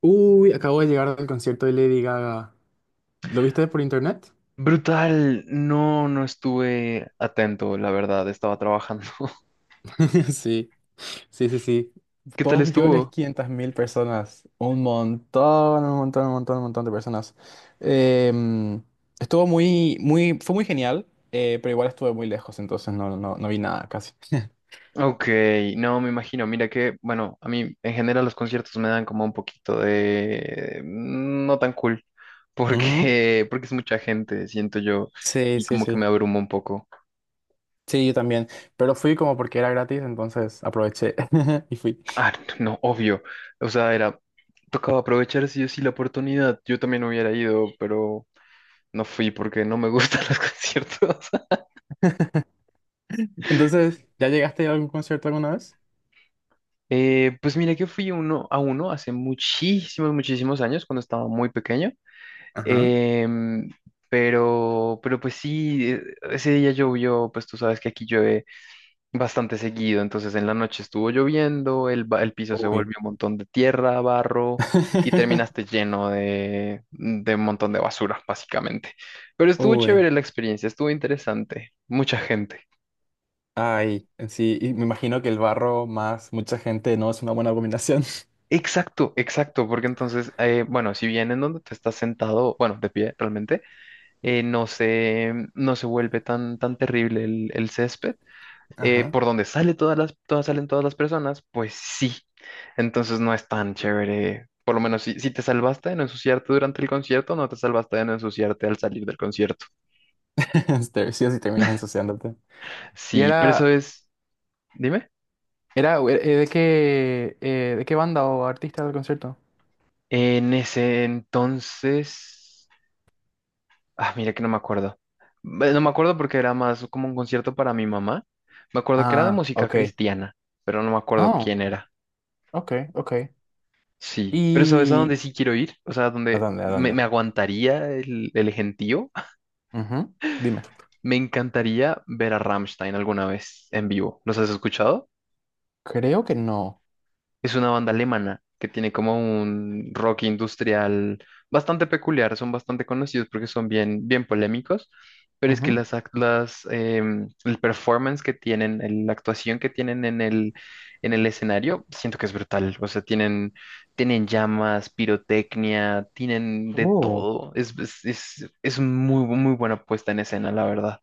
Uy, acabo de llegar del concierto de Lady Gaga. ¿Lo viste por internet? Brutal, no, no estuve atento, la verdad, estaba trabajando. Sí, sí, sí, sí. ¿Qué tal Dos millones estuvo? quinientas mil personas. Un montón, un montón, un montón, un montón de personas. Em, estuvo muy, fue muy genial, pero igual estuve muy lejos, entonces no vi nada casi. Ok, no, me imagino, mira que, bueno, a mí en general los conciertos me dan como un poquito de no tan cool, Ujú. porque es mucha gente, siento yo, Sí, y sí, como que me sí. abrumo un poco. Sí, yo también. Pero fui como porque era gratis, entonces aproveché y fui. Ah, no, obvio, o sea, era, tocaba aprovechar sí o sí la oportunidad, yo también hubiera ido, pero no fui porque no me gustan los conciertos. Entonces, ¿ya llegaste a algún concierto alguna vez? Pues mira que fui uno a uno hace muchísimos, muchísimos años, cuando estaba muy pequeño. Ajá. Em, pero, pues sí, ese día llovió, pues tú sabes que aquí llueve bastante seguido, entonces en la noche estuvo lloviendo, el piso se Uy. volvió un montón de tierra, barro, y terminaste lleno de un montón de basura, básicamente. Pero estuvo Uy, chévere la experiencia, estuvo interesante, mucha gente. ay, sí, y me imagino que el barro más mucha gente no es una buena combinación. Exacto, exacto, porque entonces, bueno, si bien en donde te estás sentado, bueno, de pie realmente, no se vuelve tan, tan terrible el césped, Ajá. por donde sale todas las, todas salen todas las personas, pues sí, entonces no es tan chévere, por lo menos si te salvaste de no ensuciarte durante el concierto, no te salvaste de no ensuciarte al salir del concierto. Sí o sí terminas ensuciándote. Y Sí, pero eso era, es, dime, era ¿ de qué banda o artista del concierto? en ese entonces... Ah, mira que no me acuerdo. No me acuerdo porque era más como un concierto para mi mamá. Me acuerdo que era de Ah, música ok. cristiana, pero no me acuerdo Oh, quién era. ok, ok. Sí, pero ¿sabes a Y... dónde sí quiero ir? O sea, ¿A donde dónde? ¿A me, dónde? me aguantaría el gentío. Ujú, dime. Me encantaría ver a Rammstein alguna vez en vivo. ¿Los has escuchado? Creo que no. Es una banda alemana que tiene como un rock industrial bastante peculiar, son bastante conocidos porque son bien, bien polémicos, pero es que Ujú. las, ac- las em, el performance que tienen, la actuación que tienen en el escenario, siento que es brutal. O sea, tienen llamas, pirotecnia, tienen de Oh, todo. Es muy, muy buena puesta en escena, la verdad.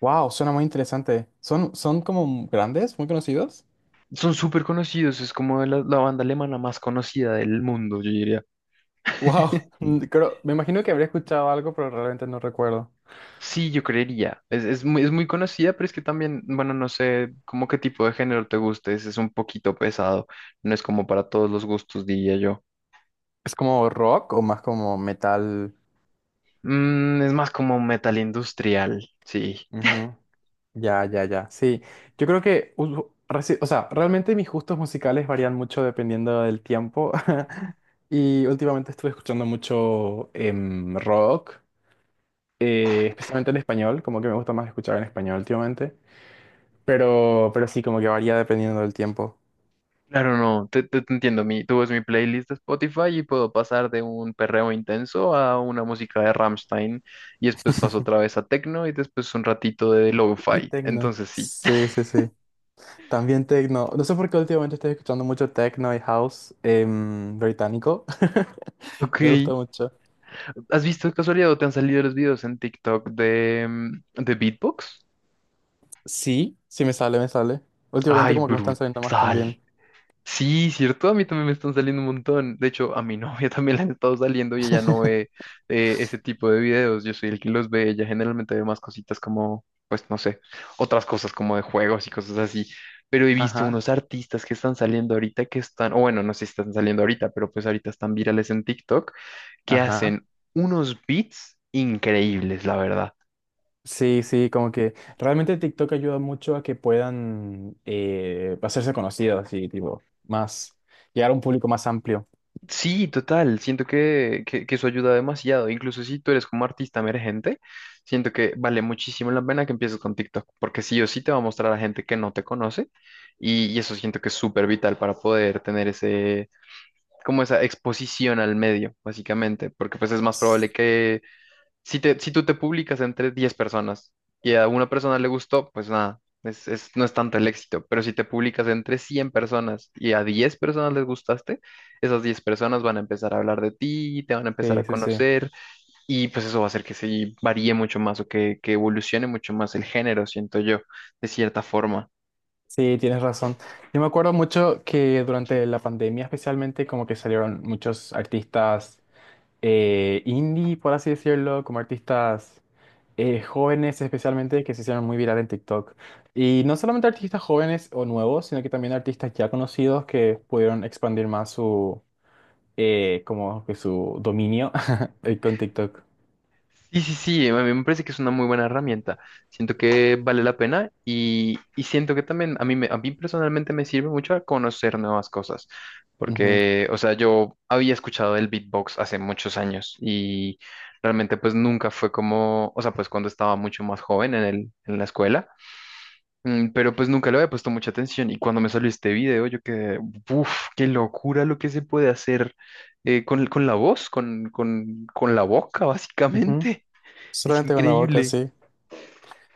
wow, suena muy interesante. ¿Son como grandes, muy conocidos? Son súper conocidos, es como la banda alemana más conocida del mundo, yo diría. Wow, creo, me imagino que habría escuchado algo, pero realmente no recuerdo. Sí, yo creería. Es muy conocida, pero es que también, bueno, no sé como qué tipo de género te guste. Es un poquito pesado. No es como para todos los gustos, diría yo. ¿Es como rock o más como metal? Es más como metal industrial. Sí. Ujú. Ya, ya, ya. Sí, yo creo que, o sea, realmente mis gustos musicales varían mucho dependiendo del tiempo. Y últimamente estuve escuchando mucho rock, especialmente en español, como que me gusta más escuchar en español últimamente. Pero sí, como que varía dependiendo del tiempo. Claro, no. Te entiendo. Tú ves mi playlist de Spotify y puedo pasar de un perreo intenso a una música de Rammstein. Y después paso otra vez a techno y después un ratito de Uy, lo-fi. tecno. Entonces sí. Sí, sí, sí. También tecno. No sé por qué últimamente estoy escuchando mucho techno y house británico. Ok. Me gusta mucho. ¿Has visto de casualidad o te han salido los videos en TikTok de beatbox? Sí, me sale. Últimamente Ay, como que me están saliendo más también. brutal. Sí, cierto, a mí también me están saliendo un montón. De hecho, a mi novia también le han estado saliendo y ella no ve ese tipo de videos. Yo soy el que los ve. Ella generalmente ve más cositas como, pues no sé, otras cosas como de juegos y cosas así. Pero he visto Ajá, unos artistas que están saliendo ahorita que están, o bueno, no sé si están saliendo ahorita, pero pues ahorita están virales en TikTok, que ajá. hacen unos beats increíbles, la verdad. Sí, sí, como que realmente TikTok ayuda mucho a que puedan hacerse conocidos y tipo más, llegar a un público más amplio. Sí, total. Siento que eso ayuda demasiado. Incluso si tú eres como artista emergente, siento que vale muchísimo la pena que empieces con TikTok, porque sí o sí te va a mostrar a gente que no te conoce y eso siento que es súper vital para poder tener ese, como esa exposición al medio, básicamente, porque pues es más probable que si tú te publicas entre 10 personas y a una persona le gustó, pues nada, no es tanto el éxito. Pero si te publicas entre 100 personas y a 10 personas les gustaste, esas 10 personas van a empezar a hablar de ti, te van a empezar a Sí, sí, sí. conocer y pues eso va a hacer que se varíe mucho más o que evolucione mucho más el género, siento yo, de cierta forma. Sí, tienes razón. Yo me acuerdo mucho que durante la pandemia especialmente como que salieron muchos artistas indie, por así decirlo, como artistas jóvenes especialmente que se hicieron muy viral en TikTok. Y no solamente artistas jóvenes o nuevos, sino que también artistas ya conocidos que pudieron expandir más su como que su dominio con TikTok. Sí, sí, sí, a mí me parece que es una muy buena herramienta. Siento que vale la pena y siento que también a mí personalmente me sirve mucho a conocer nuevas cosas. Ujú, Porque, o sea, yo había escuchado el beatbox hace muchos años y realmente pues nunca fue como, o sea, pues cuando estaba mucho más joven en la escuela, pero pues nunca le había puesto mucha atención y cuando me salió este video yo quedé, uff, qué locura lo que se puede hacer con la voz, con la boca ujú. básicamente. Es Solamente con la boca, increíble. sí.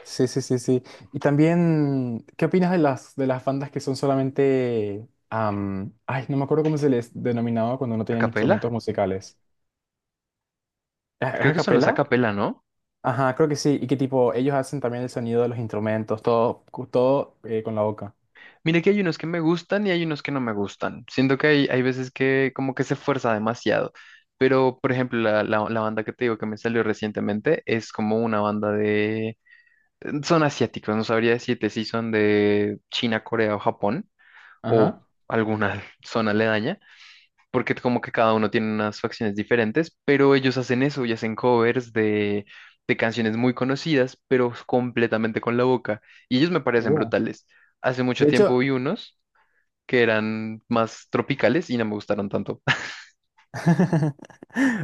Sí, sí, sí, sí. Y también, ¿qué opinas de de las bandas que son solamente... ay, no me acuerdo cómo se les denominaba cuando no tenían ¿Acapela? instrumentos musicales. ¿Es Creo a que son los capela? acapela, ¿no? Ajá, creo que sí. Y que tipo, ellos hacen también el sonido de los instrumentos, todo, todo con la boca. Mire que hay unos que me gustan y hay unos que no me gustan. Siento que hay veces que como que se fuerza demasiado. Pero, por ejemplo, la banda que te digo que me salió recientemente es como una banda de... Son asiáticos, no sabría decirte si son de China, Corea o Japón o Ajá. alguna zona aledaña. Porque como que cada uno tiene unas facciones diferentes, pero ellos hacen eso y hacen covers de canciones muy conocidas, pero completamente con la boca. Y ellos me parecen Uh. brutales. Hace mucho De tiempo hecho, vi unos que eran más tropicales y no me gustaron tanto.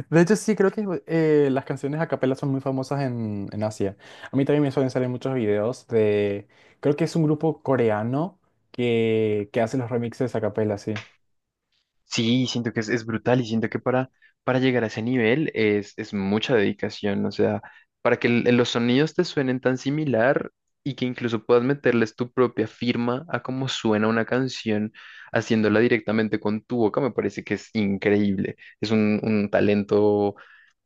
de hecho sí, creo que las canciones a capela son muy famosas en Asia. A mí también me suelen salir muchos videos de, creo que es un grupo coreano que hace los remixes a capela, sí. Sí, siento que es brutal y siento que para llegar a ese nivel es mucha dedicación, o sea, para que los sonidos te suenen tan similar y que incluso puedas meterles tu propia firma a cómo suena una canción haciéndola directamente con tu boca, me parece que es increíble, es un talento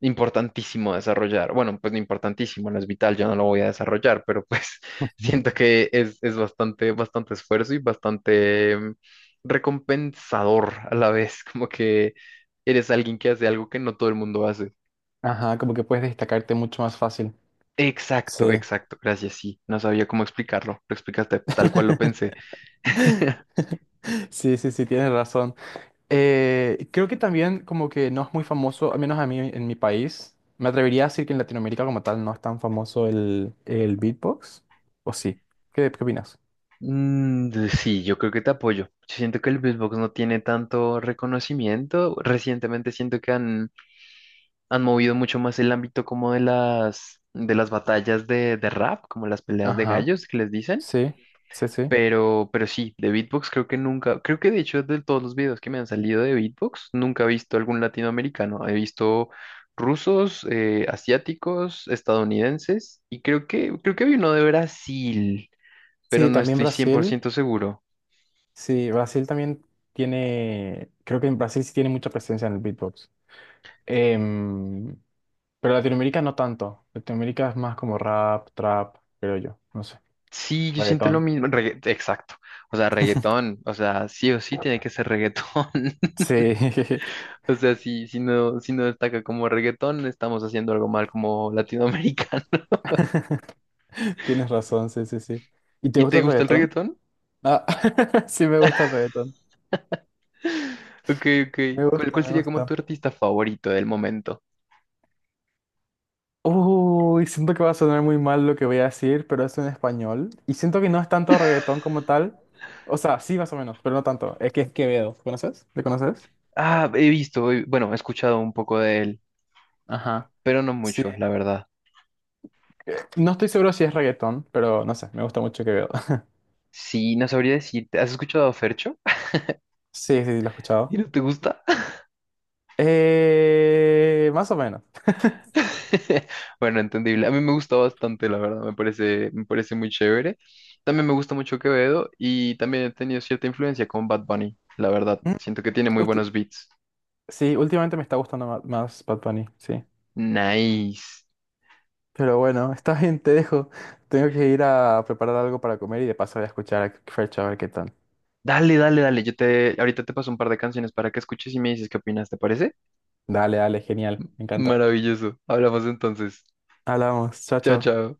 importantísimo a desarrollar, bueno, pues no importantísimo, no es vital, yo no lo voy a desarrollar, pero pues Ujú. siento que es bastante, bastante esfuerzo y bastante recompensador a la vez, como que eres alguien que hace algo que no todo el mundo hace. Ajá, como que puedes destacarte mucho más fácil. Exacto, Sí. exacto, gracias, sí, no sabía cómo explicarlo, lo explicaste tal cual lo pensé. Sí, sí, sí, tienes razón. Creo que también como que no es muy famoso, al menos a mí en mi país. Me atrevería a decir que en Latinoamérica como tal no es tan famoso el beatbox. ¿O sí? ¿Qué opinas? Sí, yo creo que te apoyo. Yo siento que el beatbox no tiene tanto reconocimiento, recientemente siento que han movido mucho más el ámbito como de las batallas de rap, como las peleas de Ajá. gallos que les dicen. Sí, sí, sí. Pero, sí, de beatbox creo que nunca, creo que de hecho de todos los videos que me han salido de beatbox, nunca he visto algún latinoamericano. He visto rusos, asiáticos, estadounidenses y creo que había uno de Brasil, pero Sí, no también estoy cien por Brasil. ciento seguro. Sí, Brasil también tiene, creo que en Brasil sí tiene mucha presencia en el beatbox. Em, pero Latinoamérica no tanto. Latinoamérica es más como rap, trap, creo yo. No sé. Sí, yo siento lo Reggaetón. mismo, exacto. O sea, reggaetón, o sea, sí o sí tiene que ser reggaetón. Sí, O sea, si no destaca como reggaetón, estamos haciendo algo mal como latinoamericano. tienes razón, sí, sí, sí. ¿Y te ¿Y te gusta el gusta el reggaetón? reggaetón? Ah, sí me gusta el reggaetón. Ok, ok. Me ¿Cuál, gusta, cuál me sería como gusta. tu artista favorito del momento? Uy, siento que va a sonar muy mal lo que voy a decir, pero es en español. Y siento que no es tanto reggaetón como tal. O sea, sí, más o menos, pero no tanto. Es que es Quevedo. ¿Conoces? ¿Le conoces? Ah, he visto, bueno, he escuchado un poco de él, Ajá. pero no Sí. mucho, la verdad. No estoy seguro si es reggaetón, pero no sé, me gusta mucho Quevedo. Sí, no sabría decirte. ¿Has escuchado a Fercho? Sí, sí, lo he ¿Y escuchado. no te gusta? Más o menos. Bueno, entendible. A mí me gusta bastante, la verdad. Me parece muy chévere. También me gusta mucho Quevedo y también he tenido cierta influencia con Bad Bunny, la verdad. Mm, Siento que tiene muy ulti- buenos beats. sí, últimamente me está gustando más Bad Bunny, sí. Nice. Pero bueno, está bien, te dejo. Tengo que ir a preparar algo para comer y de paso voy a escuchar a Fercho a ver qué tal. Dale, dale, dale. Ahorita te paso un par de canciones para que escuches y me dices qué opinas, ¿te parece? Dale, dale, genial, me encanta. Maravilloso. Hablamos entonces. Hablamos, chao, Chao, chao. chao.